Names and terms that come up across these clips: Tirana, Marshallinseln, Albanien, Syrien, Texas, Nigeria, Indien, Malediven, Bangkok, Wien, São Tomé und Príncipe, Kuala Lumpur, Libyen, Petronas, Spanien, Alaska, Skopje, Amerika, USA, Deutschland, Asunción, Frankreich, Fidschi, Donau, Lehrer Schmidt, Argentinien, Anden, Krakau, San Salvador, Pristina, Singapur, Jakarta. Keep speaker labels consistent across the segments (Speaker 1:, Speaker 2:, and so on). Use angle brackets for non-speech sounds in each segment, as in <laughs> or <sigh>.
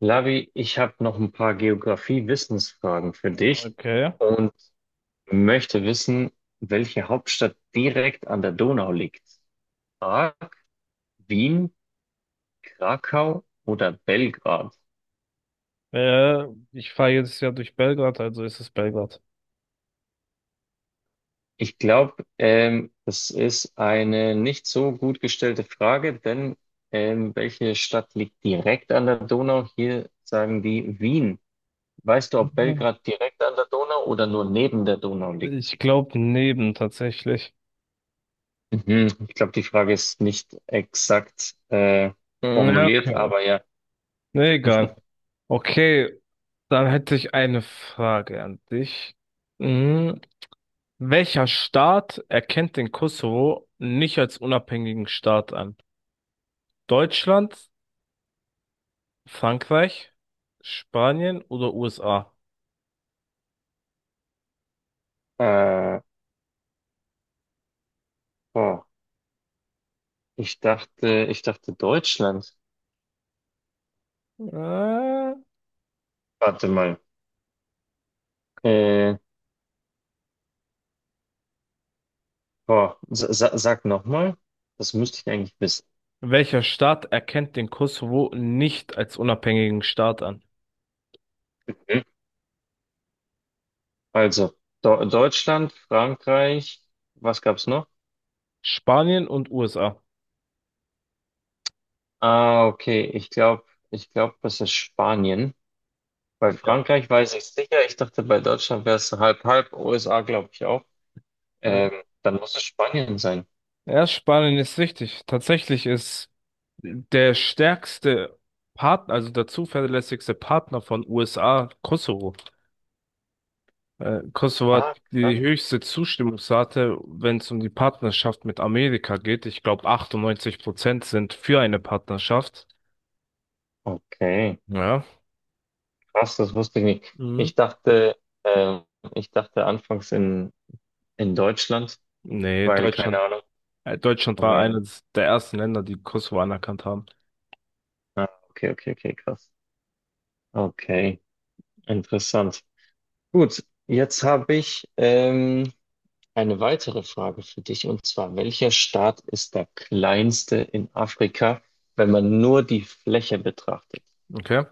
Speaker 1: Lavi, ich habe noch ein paar Geografie-Wissensfragen für dich
Speaker 2: Okay.
Speaker 1: und möchte wissen, welche Hauptstadt direkt an der Donau liegt. A. Wien, Krakau oder Belgrad?
Speaker 2: Äh, Ich fahre jetzt ja durch Belgrad, also ist es Belgrad.
Speaker 1: Ich glaube, das ist eine nicht so gut gestellte Frage, denn welche Stadt liegt direkt an der Donau? Hier sagen die Wien. Weißt du, ob
Speaker 2: Ah.
Speaker 1: Belgrad direkt an der Donau oder nur neben der Donau liegt?
Speaker 2: Ich glaube neben tatsächlich.
Speaker 1: Mhm. Ich glaube, die Frage ist nicht exakt
Speaker 2: Ja,
Speaker 1: formuliert,
Speaker 2: okay.
Speaker 1: aber ja.
Speaker 2: Nee, egal. Okay, dann hätte ich eine Frage an dich. Mhm. Welcher Staat erkennt den Kosovo nicht als unabhängigen Staat an? Deutschland, Frankreich, Spanien oder USA?
Speaker 1: Äh, oh, ich dachte Deutschland.
Speaker 2: Äh,
Speaker 1: Warte mal. Äh, oh, sag nochmal. Das müsste ich eigentlich wissen.
Speaker 2: Welcher Staat erkennt den Kosovo nicht als unabhängigen Staat an?
Speaker 1: Mhm. Also, Do Deutschland, Frankreich, was gab's noch?
Speaker 2: Spanien und USA.
Speaker 1: Ah, okay. Ich glaube, das ist Spanien. Bei
Speaker 2: Ja.
Speaker 1: Frankreich weiß ich sicher. Ich dachte, bei Deutschland wäre es halb halb. USA glaube ich auch. Ähm, dann muss es Spanien sein.
Speaker 2: Ja, Spanien ist wichtig. Tatsächlich ist der stärkste Partner, also der zuverlässigste Partner von USA, Kosovo. Kosovo
Speaker 1: Ah,
Speaker 2: hat die
Speaker 1: krass.
Speaker 2: höchste Zustimmungsrate, wenn es um die Partnerschaft mit Amerika geht. Ich glaube, 98% sind für eine Partnerschaft.
Speaker 1: Okay,
Speaker 2: Ja.
Speaker 1: krass, das wusste ich nicht.
Speaker 2: Mhm.
Speaker 1: Ich dachte, äh, ich dachte anfangs in Deutschland,
Speaker 2: Nee,
Speaker 1: weil keine
Speaker 2: Deutschland,
Speaker 1: Ahnung,
Speaker 2: Deutschland war
Speaker 1: aber ja.
Speaker 2: eines der ersten Länder, die Kosovo anerkannt haben.
Speaker 1: Ah, okay, okay, okay, krass. Okay, interessant. Gut, jetzt habe ich eine weitere Frage für dich und zwar, welcher Staat ist der kleinste in Afrika, wenn man nur die Fläche betrachtet?
Speaker 2: Okay.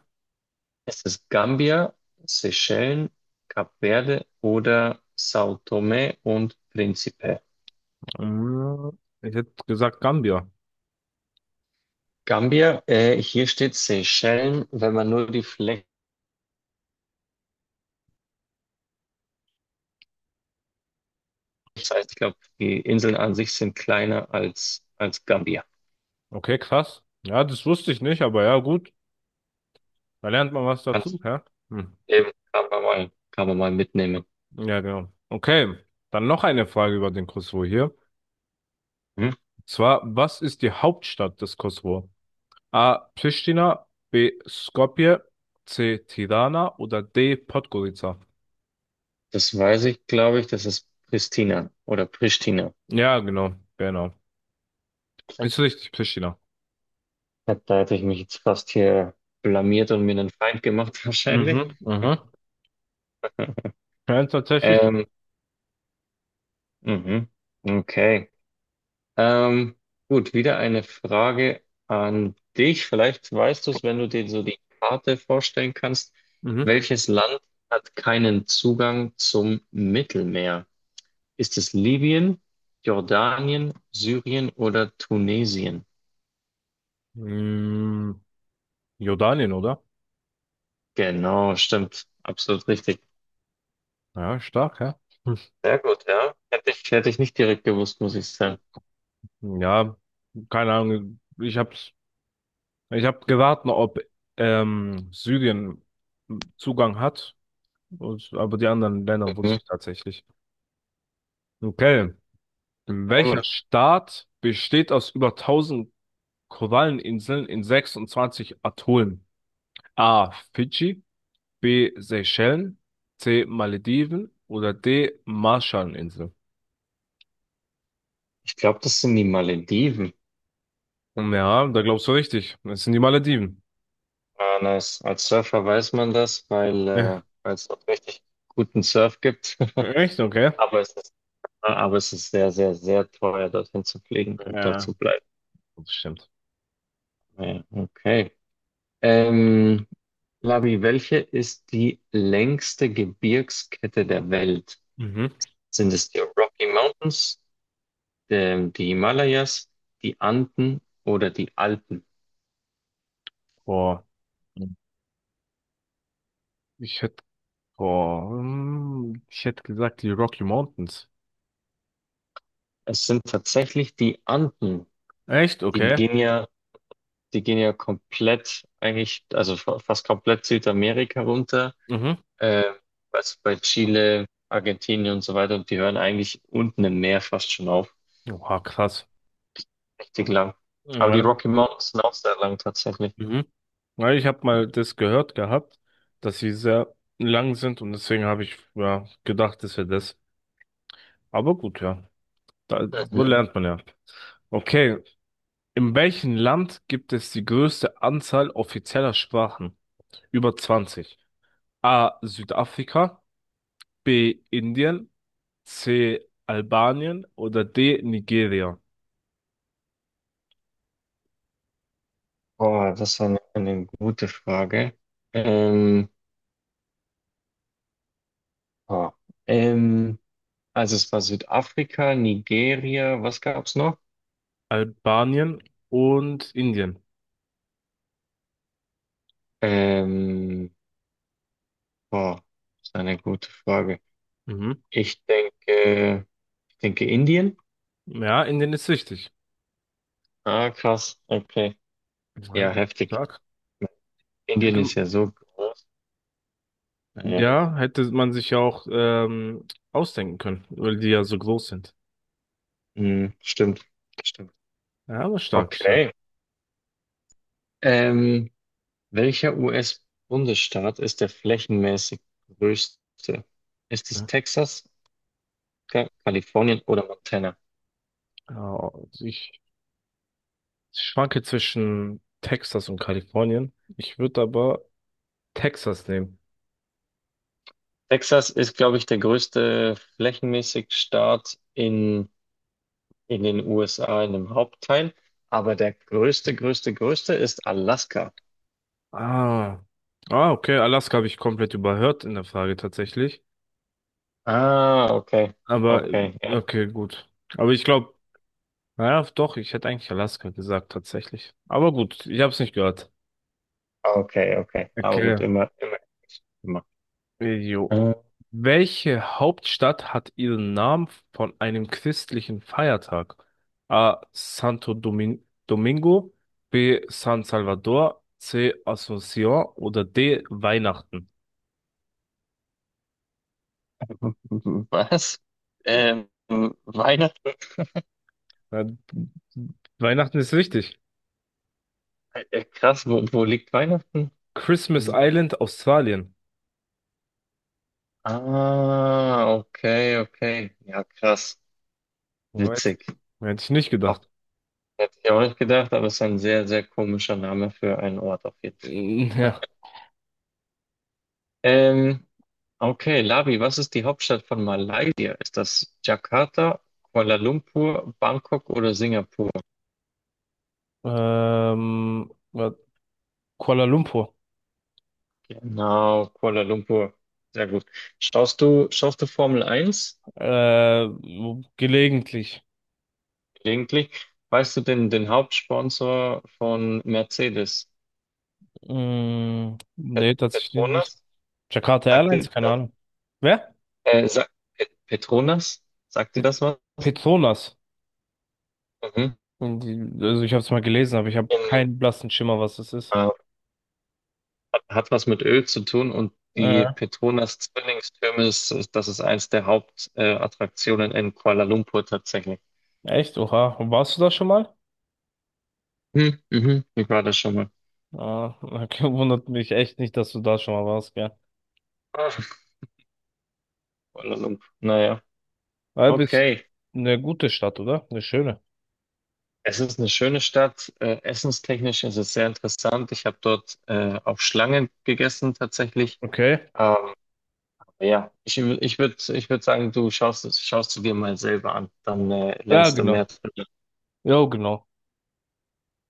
Speaker 1: Ist es Gambia, Seychellen, Kap Verde oder São Tomé und Príncipe?
Speaker 2: Ich hätte gesagt Gambia.
Speaker 1: Gambia, hier steht Seychellen, wenn man nur die Fläche, das heißt, ich glaube, die Inseln an sich sind kleiner als, als Gambia.
Speaker 2: Okay, krass. Ja, das wusste ich nicht, aber ja, gut. Da lernt man was
Speaker 1: Kannst
Speaker 2: dazu, ja? Hm.
Speaker 1: eben, kann man mal mitnehmen.
Speaker 2: Ja, genau. Okay, dann noch eine Frage über den Kosovo hier.
Speaker 1: Hm?
Speaker 2: Und zwar, was ist die Hauptstadt des Kosovo? A. Pristina, B. Skopje, C. Tirana oder D. Podgorica?
Speaker 1: Das weiß ich, glaube ich, das ist Pristina oder Pristina.
Speaker 2: Ja, genau, genau. Ist richtig, Pristina.
Speaker 1: Ja, da hätte ich mich jetzt fast hier blamiert und mir einen Feind gemacht, <laughs> wahrscheinlich.
Speaker 2: Mhm, mhm. Ja, tatsächlich.
Speaker 1: Ähm, mhm. Okay. Ähm, gut, wieder eine Frage an dich. Vielleicht weißt du es, wenn du dir so die Karte vorstellen kannst.
Speaker 2: Mhm.
Speaker 1: Welches Land hat keinen Zugang zum Mittelmeer? Ist es Libyen, Jordanien, Syrien oder Tunesien?
Speaker 2: Mm, Jordanien, oder?
Speaker 1: Genau, stimmt. Absolut richtig.
Speaker 2: Ja, stark, ja. Hm.
Speaker 1: Sehr gut, ja. Hätte ich nicht direkt gewusst, muss ich
Speaker 2: <laughs>
Speaker 1: sagen.
Speaker 2: Ja, keine Ahnung. Ich hab gewartet, ob Syrien Zugang hat, und, aber die anderen Länder wusste
Speaker 1: Mhm.
Speaker 2: ich tatsächlich. Okay.
Speaker 1: Sehr
Speaker 2: Welcher
Speaker 1: gut.
Speaker 2: Staat besteht aus über tausend Koralleninseln in 26 Atollen? A. Fidschi, B. Seychellen, C. Malediven oder D. Marshallinseln?
Speaker 1: Ich glaube, das sind die Malediven.
Speaker 2: Ja, da glaubst du richtig. Das sind die Malediven.
Speaker 1: Ah, nice. Als Surfer weiß man das, weil
Speaker 2: Ja.
Speaker 1: weil es dort richtig guten Surf gibt. <laughs>
Speaker 2: Echt? Okay.
Speaker 1: Aber es ist, aber es ist sehr, sehr, sehr teuer, dorthin zu fliegen und dort
Speaker 2: Ja,
Speaker 1: zu bleiben.
Speaker 2: das stimmt.
Speaker 1: Ja, okay. Ähm, Labi, welche ist die längste Gebirgskette der Welt?
Speaker 2: Mhm.
Speaker 1: Sind es die Rocky Mountains, die Himalayas, die Anden oder die Alpen?
Speaker 2: Boah, ich hätte, ich hätte gesagt, die Rocky Mountains.
Speaker 1: Es sind tatsächlich die Anden.
Speaker 2: Echt?
Speaker 1: Die
Speaker 2: Okay.
Speaker 1: Linie Die gehen ja komplett, eigentlich, also fast komplett Südamerika runter.
Speaker 2: Mhm.
Speaker 1: Äh, was bei Chile, Argentinien und so weiter. Und die hören eigentlich unten im Meer fast schon auf.
Speaker 2: Oha, krass.
Speaker 1: Richtig lang. Aber die
Speaker 2: Ja,
Speaker 1: Rocky Mountains sind auch sehr lang tatsächlich.
Speaker 2: mhm. Ja, ich habe mal das gehört gehabt, dass sie sehr lang sind und deswegen habe ich ja gedacht, das wäre das. Aber gut, ja. Da, so
Speaker 1: Mhm.
Speaker 2: lernt man ja. Okay. In welchem Land gibt es die größte Anzahl offizieller Sprachen? Über zwanzig. A. Südafrika, B. Indien, C. Albanien oder D. Nigeria.
Speaker 1: Boah, das war eine gute Frage. Ähm, boah, ähm, also es war Südafrika, Nigeria, was gab's noch?
Speaker 2: Albanien und Indien.
Speaker 1: Ähm, boah, das ist eine gute Frage.
Speaker 2: Mhm.
Speaker 1: Ich denke, ich denke Indien.
Speaker 2: Ja, Indien ist wichtig.
Speaker 1: Ah, krass. Okay.
Speaker 2: Ja,
Speaker 1: Ja, heftig.
Speaker 2: stark.
Speaker 1: Indien
Speaker 2: Hätte,
Speaker 1: ist ja so groß. Naja.
Speaker 2: ja, hätte man sich ja auch ausdenken können, weil die ja so groß sind.
Speaker 1: Hm, stimmt. Stimmt.
Speaker 2: Ja, aber stark, stark.
Speaker 1: Okay. Ähm, welcher US-Bundesstaat ist der flächenmäßig größte? Ist es
Speaker 2: Ja.
Speaker 1: Texas, Kalifornien oder Montana?
Speaker 2: Ja, ich schwanke zwischen Texas und Kalifornien. Ich würde aber Texas nehmen.
Speaker 1: Texas ist, glaube ich, der größte flächenmäßig Staat in den USA, in dem Hauptteil. Aber der größte, größte ist Alaska.
Speaker 2: Ah. Ah, okay. Alaska habe ich komplett überhört in der Frage tatsächlich.
Speaker 1: Ah, okay.
Speaker 2: Aber,
Speaker 1: Okay, ja.
Speaker 2: okay, gut. Aber ich glaube, naja, doch, ich hätte eigentlich Alaska gesagt, tatsächlich. Aber gut, ich habe es nicht gehört.
Speaker 1: Okay, okay. Aber
Speaker 2: Okay.
Speaker 1: gut, immer, immer.
Speaker 2: Jo.
Speaker 1: Äh,
Speaker 2: Welche Hauptstadt hat ihren Namen von einem christlichen Feiertag? A. Santo Domin Domingo, B. San Salvador, C. Asunción oder D. Weihnachten.
Speaker 1: <laughs> was? Ähm, Weihnachten?
Speaker 2: Ja, Weihnachten ist richtig.
Speaker 1: Krass, wo, wo liegt Weihnachten?
Speaker 2: Christmas
Speaker 1: S-
Speaker 2: Island, Australien.
Speaker 1: Ah, okay, okay. Ja, krass.
Speaker 2: Alright.
Speaker 1: Witzig.
Speaker 2: Hätte ich nicht
Speaker 1: Auch,
Speaker 2: gedacht.
Speaker 1: hätte ich auch nicht gedacht, aber es ist ein sehr, sehr komischer Name für einen Ort auf jeden Fall.
Speaker 2: Mm, ja.
Speaker 1: Ähm, okay, Labi, was ist die Hauptstadt von Malaysia? Ist das Jakarta, Kuala Lumpur, Bangkok oder Singapur?
Speaker 2: Ähm, wa- Kuala Lumpur.
Speaker 1: Genau, Kuala Lumpur. Sehr gut. Schaust du Formel eins
Speaker 2: Äh, Gelegentlich.
Speaker 1: gelegentlich? Weißt du den, den Hauptsponsor von Mercedes?
Speaker 2: Mm,
Speaker 1: Pet-
Speaker 2: nee, tatsächlich nicht.
Speaker 1: Petronas?
Speaker 2: Jakarta
Speaker 1: Sagt dir
Speaker 2: Airlines, keine
Speaker 1: das?
Speaker 2: Ahnung. Wer?
Speaker 1: Sagt, Pet- Petronas? Sagt dir
Speaker 2: Pe-
Speaker 1: das was?
Speaker 2: Petronas.
Speaker 1: Mhm.
Speaker 2: Hm, also ich habe es mal gelesen, aber ich habe
Speaker 1: In,
Speaker 2: keinen blassen Schimmer, was das ist.
Speaker 1: äh, hat, hat was mit Öl zu tun und die
Speaker 2: Äh,
Speaker 1: Petronas Zwillingstürme, das ist eins der Hauptattraktionen Attraktionen in Kuala Lumpur tatsächlich.
Speaker 2: echt? Oha. Warst du da schon mal?
Speaker 1: Hm, mhm, ich war da schon mal.
Speaker 2: Ah, okay, <laughs> wundert mich echt nicht, dass du da schon mal warst, gell?
Speaker 1: Ah, Kuala Lumpur. Naja,
Speaker 2: Weil bist
Speaker 1: okay.
Speaker 2: eine gute Stadt, oder? Eine schöne.
Speaker 1: Es ist eine schöne Stadt. Essenstechnisch ist es sehr interessant. Ich habe dort auf Schlangen gegessen tatsächlich.
Speaker 2: Okay.
Speaker 1: Ähm, ja, ich würde ich würd sagen, du schaust es, schaust du dir mal selber an. Dann
Speaker 2: Ja,
Speaker 1: lernst du
Speaker 2: genau.
Speaker 1: mehr.
Speaker 2: Ja, genau.